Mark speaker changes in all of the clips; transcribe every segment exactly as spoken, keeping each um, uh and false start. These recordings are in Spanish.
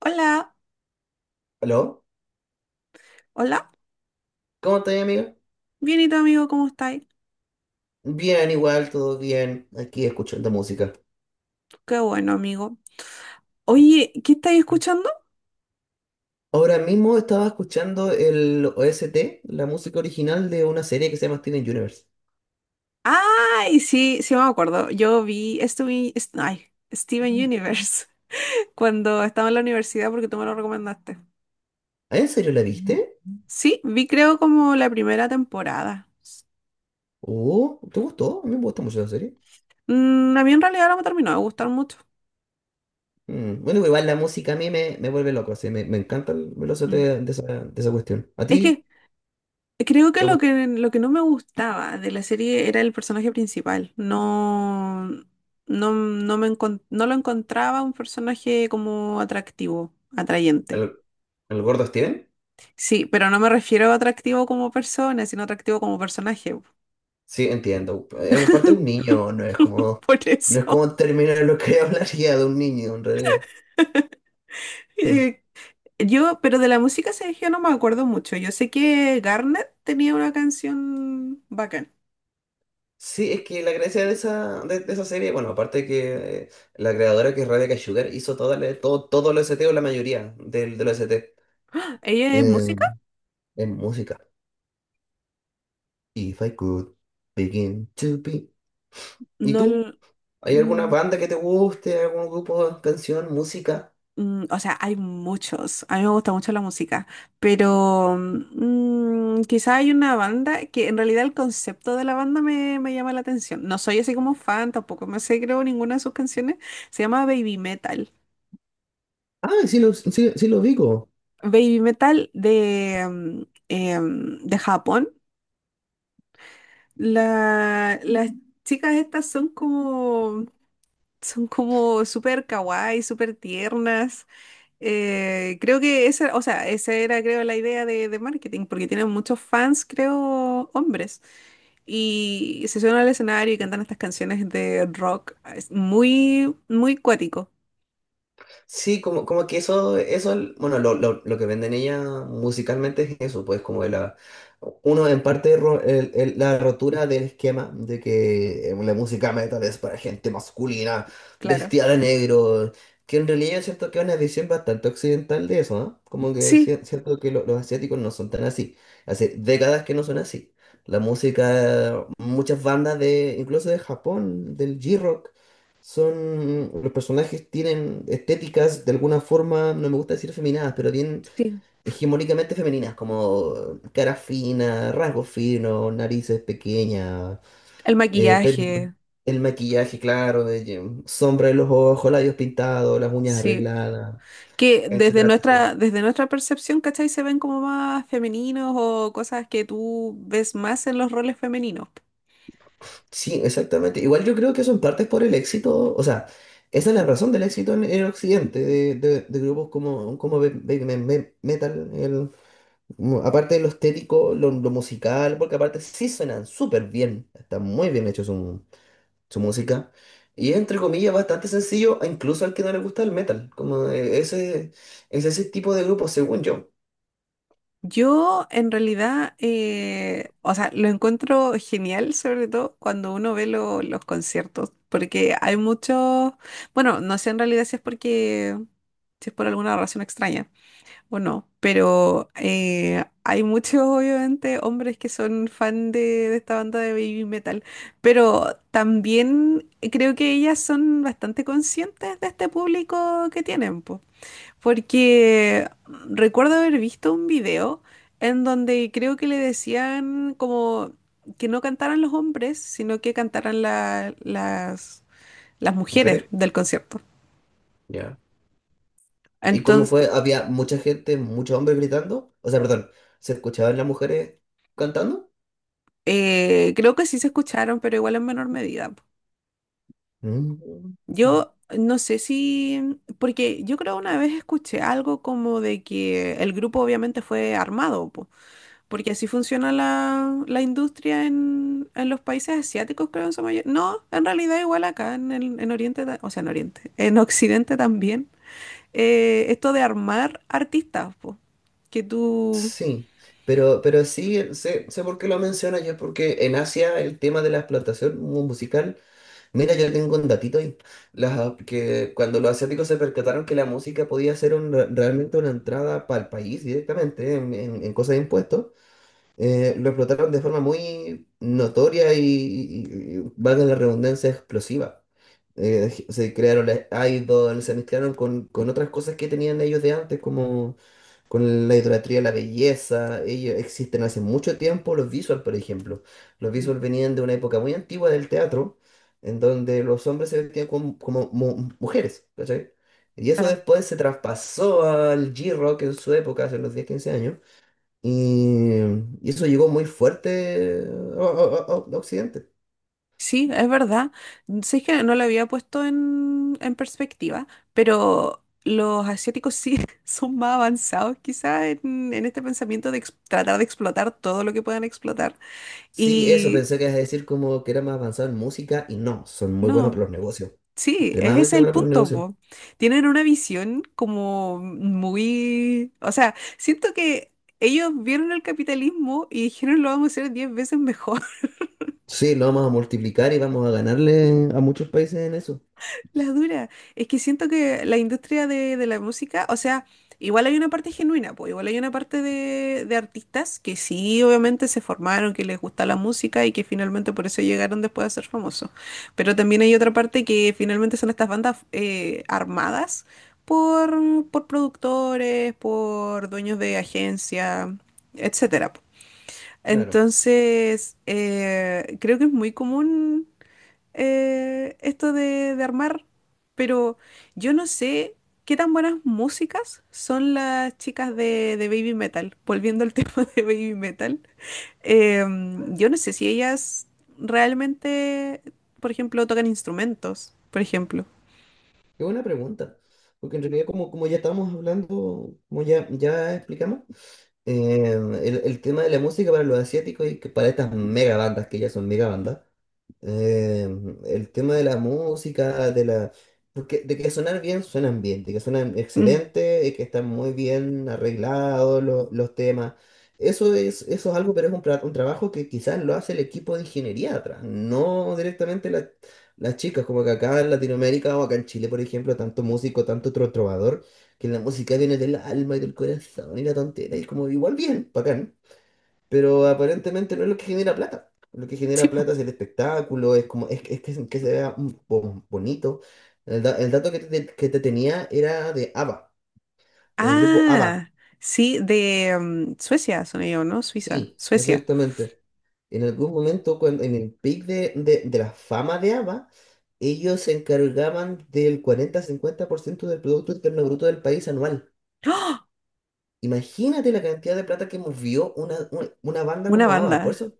Speaker 1: Hola,
Speaker 2: ¿Aló?
Speaker 1: hola.
Speaker 2: ¿Cómo estás, amigo?
Speaker 1: Bien, ¿y tu amigo cómo estáis?
Speaker 2: Bien, igual, todo bien, aquí escuchando música.
Speaker 1: Qué bueno, amigo. Oye, ¿qué estáis escuchando?
Speaker 2: Ahora mismo estaba escuchando el O S T, la música original de una serie que se llama Steven Universe.
Speaker 1: Ay, sí, sí me acuerdo. Yo vi estuve, est- ay, Steven Universe cuando estaba en la universidad porque tú me lo recomendaste.
Speaker 2: ¿Ah, en serio la viste?
Speaker 1: Sí, vi creo como la primera temporada.
Speaker 2: Oh, ¿te gustó? A mí me gusta mucho la serie.
Speaker 1: Mm, a mí en realidad no me terminó de gustar mucho.
Speaker 2: Mm. Bueno, igual la música a mí me, me vuelve loco, así, me, me encanta el, el O S T
Speaker 1: Mm.
Speaker 2: de esa, de esa cuestión. ¿A
Speaker 1: Es que
Speaker 2: ti
Speaker 1: creo que
Speaker 2: te
Speaker 1: lo
Speaker 2: gusta
Speaker 1: que lo que no me gustaba de la serie era el personaje principal. No, no, no me encon- no lo encontraba un personaje como atractivo, atrayente.
Speaker 2: el, el gordo Steven?
Speaker 1: Sí, pero no me refiero a atractivo como persona, sino atractivo como personaje.
Speaker 2: Sí, entiendo. Eh, Aparte es un niño, no es como,
Speaker 1: Por
Speaker 2: no es
Speaker 1: eso.
Speaker 2: como terminar lo que hablaría de un niño en realidad.
Speaker 1: Eh, yo, pero de la música, Sergio, no me acuerdo mucho. Yo sé que Garnet tenía una canción bacán.
Speaker 2: Sí, es que la gracia de esa, de, de esa serie, bueno, aparte de que eh, la creadora que es Rebecca Sugar hizo toda la- todo, todo el O S T o la mayoría del, del O S T
Speaker 1: ¿Ella es música?
Speaker 2: en, en música. If I could begin to be. ¿Y
Speaker 1: No.
Speaker 2: tú?
Speaker 1: l-
Speaker 2: ¿Hay alguna
Speaker 1: mm,
Speaker 2: banda que te guste? ¿Algún grupo, canción, música?
Speaker 1: Mm, o sea, hay muchos. A mí me gusta mucho la música, pero mm, quizá hay una banda que en realidad el concepto de la banda me, me llama la atención. No soy así como fan, tampoco me sé creo ninguna de sus canciones. Se llama Baby Metal.
Speaker 2: Ah, sí lo, sí, sí lo ubico.
Speaker 1: Baby Metal de, mm, em, de Japón. La- las Ujú, chicas estas son como, son como súper kawaii, súper tiernas. Eh, creo que esa, o sea, esa era, creo, la idea de, de marketing, porque tienen muchos fans, creo, hombres. Y se suben al escenario y cantan estas canciones de rock. Es muy, muy cuático,
Speaker 2: Sí, como, como que eso, eso, bueno, lo, lo, lo que venden ella musicalmente es eso, pues como de la, uno en parte ro- el- el- la rotura del esquema de que eh, la música metal es para gente masculina,
Speaker 1: claro.
Speaker 2: vestida de negro, que en realidad yo siento que es una visión bastante occidental de eso, ¿no? Como que
Speaker 1: Sí,
Speaker 2: si- siento que lo- los asiáticos no son tan así, hace décadas que no son así. La música, muchas bandas de, incluso de Japón, del j rock son, los personajes tienen estéticas de alguna forma, no me gusta decir feminadas, pero tienen
Speaker 1: sí.
Speaker 2: hegemónicamente femeninas, como cara fina, rasgos finos, narices pequeñas,
Speaker 1: El
Speaker 2: eh, pelo-
Speaker 1: maquillaje,
Speaker 2: el maquillaje claro, de que- sombra en los ojos, labios pintados, las uñas
Speaker 1: sí.
Speaker 2: arregladas,
Speaker 1: Que desde
Speaker 2: etcétera, etcétera.
Speaker 1: nuestra, desde nuestra percepción, ¿cachai? Se ven como más femeninos o cosas que tú ves más en los roles femeninos.
Speaker 2: Sí, exactamente. Igual yo creo que eso en parte es por el éxito, o sea, esa es la razón del éxito en, en Occidente, de, de- de grupos como, como Baby Metal, mu- aparte de lo estético, lo, lo musical, porque aparte sí suenan súper bien, está muy bien hecho su, su música. Y es, entre comillas, bastante sencillo, incluso al que no le gusta el metal. Como eh, ese, es ese tipo de grupo, según yo.
Speaker 1: Yo en realidad, eh, o sea, lo encuentro genial, sobre todo cuando uno ve lo- los conciertos, porque hay muchos, bueno, no sé en realidad si es porque, si es por alguna razón extraña o no, pero eh, hay muchos, obviamente, hombres que son fan de, de esta banda de baby metal, pero también creo que ellas son bastante conscientes de este público que tienen, porque recuerdo haber visto un video en donde creo que le decían como que no cantaran los hombres, sino que cantaran la- las, las mujeres
Speaker 2: Mujeres.
Speaker 1: del concierto.
Speaker 2: Ya. Y como
Speaker 1: Entonces,
Speaker 2: fue, había mucha gente, muchos hombres gritando. O sea, perdón, se escuchaban las mujeres cantando.
Speaker 1: eh, creo que sí se escucharon, pero igual en menor medida, po.
Speaker 2: Mm.
Speaker 1: Yo no sé si, porque yo creo una vez escuché algo como de que el grupo obviamente fue armado, po. Porque así funciona la, la industria en, en los países asiáticos, creo, en su mayoría. No, en realidad igual acá en, el- en Oriente, ta- o sea, en Oriente, en Occidente también. eh, esto de armar artistas, po, que tú...
Speaker 2: Sí, pero, pero sí, sé, sé por qué lo mencionas yo, porque en Asia el tema de la explotación mu- musical. Mira, yo tengo un datito ahí. Las- que cuando los asiáticos se percataron que la música podía ser un- realmente una entrada para el país directamente en, en, en cosas de impuestos, eh, lo explotaron de forma muy notoria y, y- y- valga la redundancia, explosiva. Eh, se crearon las idols, se mezclaron con, con otras cosas que tenían ellos de antes, como con la idolatría a la belleza. Ellos existen hace mucho tiempo, los visual, por ejemplo. Los
Speaker 1: Mm.
Speaker 2: visual venían de una época muy antigua del teatro, en donde los hombres se vestían como, como mu- mujeres, ¿cachai? Y eso
Speaker 1: Claro.
Speaker 2: después se traspasó al G-Rock en su época, hace unos diez quince años y, y eso llegó muy fuerte a, a- a- a Occidente.
Speaker 1: Sí, es verdad. Sé que no lo había puesto en, en perspectiva, pero los asiáticos sí son más avanzados quizá en, en este pensamiento de ex- tratar de explotar todo lo que puedan explotar.
Speaker 2: Sí, eso,
Speaker 1: Y
Speaker 2: pensé que ibas a decir como que era más avanzado en música y no, son muy buenos
Speaker 1: no.
Speaker 2: para los negocios.
Speaker 1: Sí, ese es
Speaker 2: Extremadamente
Speaker 1: el
Speaker 2: buenos para los
Speaker 1: punto,
Speaker 2: negocios.
Speaker 1: po. Tienen una visión como muy... O sea, siento que ellos vieron el capitalismo y dijeron lo vamos a hacer diez veces mejor.
Speaker 2: Sí, lo vamos a multiplicar y vamos a ganarle a muchos países en eso.
Speaker 1: La dura. Es que siento que la industria de, de la música, o sea, igual hay una parte genuina, pues igual hay una parte de, de artistas que sí, obviamente se formaron, que les gusta la música y que finalmente por eso llegaron después a ser famosos. Pero también hay otra parte que finalmente son estas bandas eh, armadas por, por productores, por dueños de agencia, etcétera.
Speaker 2: Claro,
Speaker 1: Entonces, eh, creo que es muy común eh, esto de, de armar, pero yo no sé qué tan buenas músicas son las chicas de, de Baby Metal, volviendo al tema de Baby Metal. Em, yo no sé si ellas realmente, por ejemplo, tocan instrumentos, por ejemplo.
Speaker 2: qué buena pregunta. Porque en realidad, como, como ya estábamos hablando, como ya, ya explicamos, eh, el, el tema de la música para los asiáticos y que para estas mega bandas, que ya son mega bandas, Eh, el tema de la música, de la... Porque de que sonar bien, suenan bien, de que suenan
Speaker 1: Mm,
Speaker 2: excelente, de que están muy bien arreglados lo- los temas. Eso es, eso es algo, pero es un, tra- un trabajo que quizás lo hace el equipo de ingeniería atrás, no directamente la- las chicas, como que acá en Latinoamérica o acá en Chile, por ejemplo, tanto músico, tanto tro- trovador, que la música viene del alma y del corazón y la tontera, y es como igual bien, bacán, pero aparentemente no es lo que genera plata. Lo que
Speaker 1: sí,
Speaker 2: genera
Speaker 1: po.
Speaker 2: plata es el espectáculo, es como, es, es que, que se vea mm, bo- bonito. El, da- el dato que te, que te tenía era de ABBA, el grupo ABBA.
Speaker 1: Ah, sí, de em, Suecia son ellos, ¿no? Suiza,
Speaker 2: Sí,
Speaker 1: Suecia.
Speaker 2: exactamente. En algún momento, cuando, en el pic de, de, de la fama de ABBA, ellos se encargaban del cuarenta-cincuenta por ciento del Producto Interno Bruto del país anual.
Speaker 1: ¡Ah!
Speaker 2: Imagínate la cantidad de plata que movió una, una, una banda
Speaker 1: Una
Speaker 2: como
Speaker 1: banda,
Speaker 2: ABBA. Por eso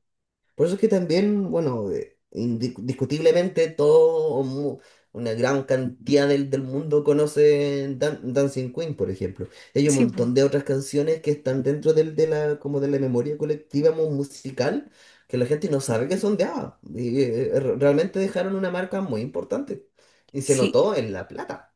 Speaker 2: Por eso es que también, bueno, eh, indiscutiblemente todo, o mu- una gran cantidad del, del mundo conoce Dan- Dancing Queen, por ejemplo. Y hay un
Speaker 1: sí, po.
Speaker 2: montón de otras canciones que están dentro del, de la, como de la memoria colectiva mu- musical, que la gente no sabe que son de ABBA. Y, eh, eh, re- realmente dejaron una marca muy importante. Y se
Speaker 1: Sí,
Speaker 2: notó en La Plata.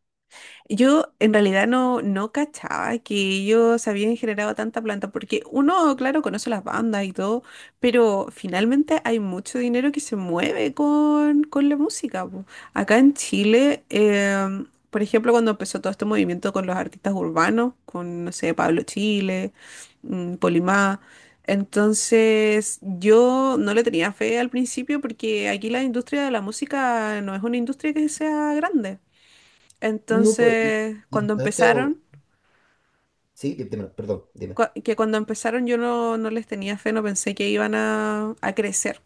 Speaker 1: yo en realidad no, no cachaba que ellos habían generado tanta planta, porque uno, claro, conoce las bandas y todo, pero finalmente hay mucho dinero que se mueve con, con la música, po. Acá en Chile, em, por ejemplo, cuando empezó todo este movimiento con los artistas urbanos, con, no sé, Pablo Chile, mm, Polimá. Entonces, yo no le tenía fe al principio porque aquí la industria de la música no es una industria que sea grande.
Speaker 2: No, pues, y,
Speaker 1: Entonces,
Speaker 2: y
Speaker 1: cuando
Speaker 2: hasta este... mo-
Speaker 1: empezaron,
Speaker 2: Sí, dime, perdón, dime.
Speaker 1: cua- que cuando empezaron yo no, no les tenía fe, no pensé que iban a, a crecer.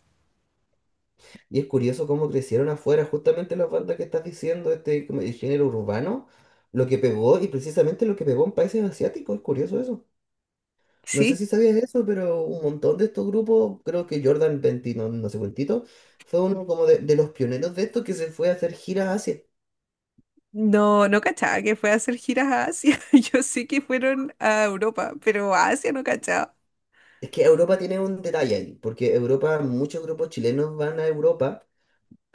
Speaker 2: Y es curioso cómo crecieron afuera justamente las bandas que estás diciendo, este como el género urbano, lo que pegó y precisamente lo que pegó en países asiáticos, es curioso eso. No sé
Speaker 1: Sí,
Speaker 2: si sabías eso, pero un montón de estos grupos, creo que Jordan veinte, no, no sé cuántito, fue uno como de, de los pioneros de estos que se fue a hacer giras a Asia.
Speaker 1: no, no cachaba que fue a hacer giras a Asia. Yo sé que fueron a Europa, pero a Asia no cachaba.
Speaker 2: Es que Europa tiene un detalle ahí, porque Europa, muchos grupos chilenos van a Europa,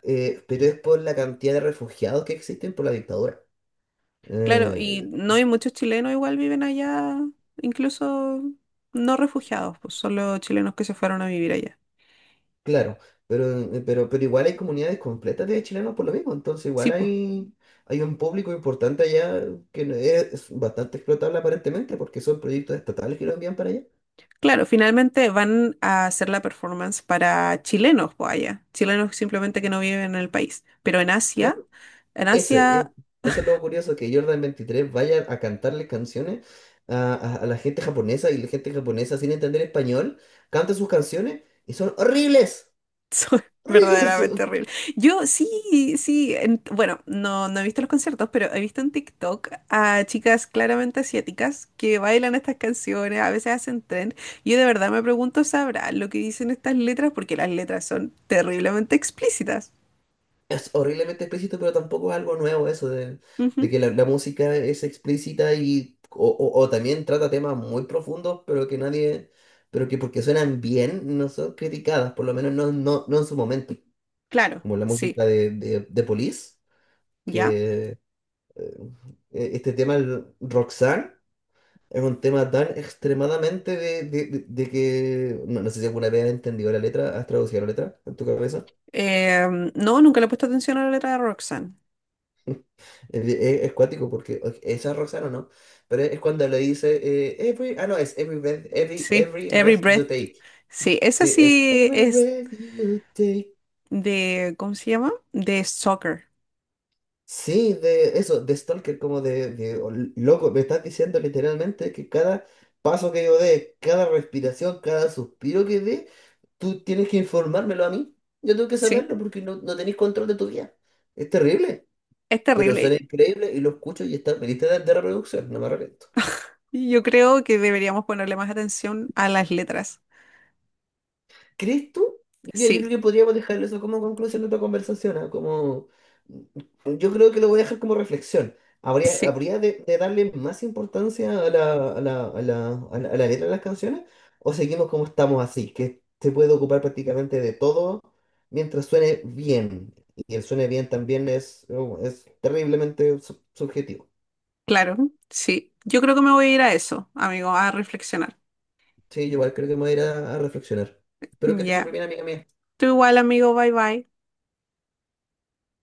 Speaker 2: eh, pero es por la cantidad de refugiados que existen por la dictadura.
Speaker 1: Claro, y
Speaker 2: Eh,
Speaker 1: no hay muchos chilenos igual viven allá, incluso no refugiados, pues solo chilenos que se fueron a vivir allá.
Speaker 2: Claro, pero, eh, pero, pero igual hay comunidades completas de chilenos por lo mismo, entonces
Speaker 1: Sí,
Speaker 2: igual
Speaker 1: pues.
Speaker 2: hay, hay un público importante allá, que no- es es bastante explotable aparentemente porque son proyectos estatales que lo envían para allá.
Speaker 1: Claro, finalmente van a hacer la performance para chilenos, pues allá. Chilenos simplemente que no viven en el país. Pero en Asia,
Speaker 2: Claro,
Speaker 1: en
Speaker 2: ese, es-
Speaker 1: Asia,
Speaker 2: eso es lo curioso, que Jordan veintitrés vaya a cantarle canciones a, a- a la gente japonesa, y la gente japonesa, sin entender español, canta sus canciones, y son horribles,
Speaker 1: soy
Speaker 2: horribles.
Speaker 1: verdaderamente horrible. Yo sí, sí, en- bueno, no, no he visto los conciertos, pero he visto en TikTok a chicas claramente asiáticas que bailan estas canciones, a veces hacen tren. Yo de verdad me pregunto, ¿sabrán lo que dicen estas letras? Porque las letras son terriblemente explícitas.
Speaker 2: Es horriblemente explícito, pero tampoco es algo nuevo eso de, de
Speaker 1: Ujú.
Speaker 2: que la, la música es explícita y o, o- o también trata temas muy profundos, pero que nadie, pero que porque suenan bien no son criticadas, por lo menos no, no, no en su momento,
Speaker 1: Claro,
Speaker 2: como la
Speaker 1: sí,
Speaker 2: música de, de, de Police,
Speaker 1: ¿ya?
Speaker 2: que eh, e, este tema, el Roxanne, es un tema tan extremadamente de, de, de- de que no, no sé si alguna vez has entendido la letra, has traducido la letra en tu cabeza.
Speaker 1: Eh, no, nunca le he puesto atención a la letra de Roxanne.
Speaker 2: Es, de- es- es cuático porque o- esa es Roxana, ¿no? Pero es cuando le dice eh, every, ah no, es every breath, every,
Speaker 1: Sí,
Speaker 2: every
Speaker 1: Every
Speaker 2: breath you
Speaker 1: Breath.
Speaker 2: take.
Speaker 1: Sí, esa
Speaker 2: Sí, es
Speaker 1: sí
Speaker 2: every
Speaker 1: es
Speaker 2: breath you take.
Speaker 1: de, ¿cómo se llama? De soccer.
Speaker 2: Sí, de eso, de Stalker, como de, de o- loco, me estás diciendo literalmente que cada paso que yo dé, cada respiración, cada suspiro que dé, tú tienes que informármelo a mí. Yo tengo que
Speaker 1: Sí,
Speaker 2: saberlo porque no, no tenés control de tu vida. Es terrible,
Speaker 1: es
Speaker 2: pero suena
Speaker 1: terrible.
Speaker 2: increíble y lo escucho y está en mi lista de, de reproducción, no me arrepiento.
Speaker 1: Yo creo que deberíamos ponerle más atención a las letras.
Speaker 2: ¿Crees tú? Ya, yo creo
Speaker 1: Sí,
Speaker 2: que podríamos dejar eso como conclusión de tu conversación. ah, Como, mm, yo creo que lo voy a dejar como reflexión. Habría,
Speaker 1: sí,
Speaker 2: habría de, de darle más importancia a la, a la, a la, a la- a la letra de las canciones, o seguimos como estamos así, que se puede ocupar prácticamente de todo mientras suene bien. Y el suene bien también es, oh, es terriblemente sub- subjetivo.
Speaker 1: claro, sí. Yo creo que me voy a ir a eso, amigo, a reflexionar.
Speaker 2: Sí, yo igual creo que me voy a ir a, a reflexionar. Espero que te súper
Speaker 1: Ya.
Speaker 2: bien, amiga mía.
Speaker 1: Tú igual, amigo, bye bye.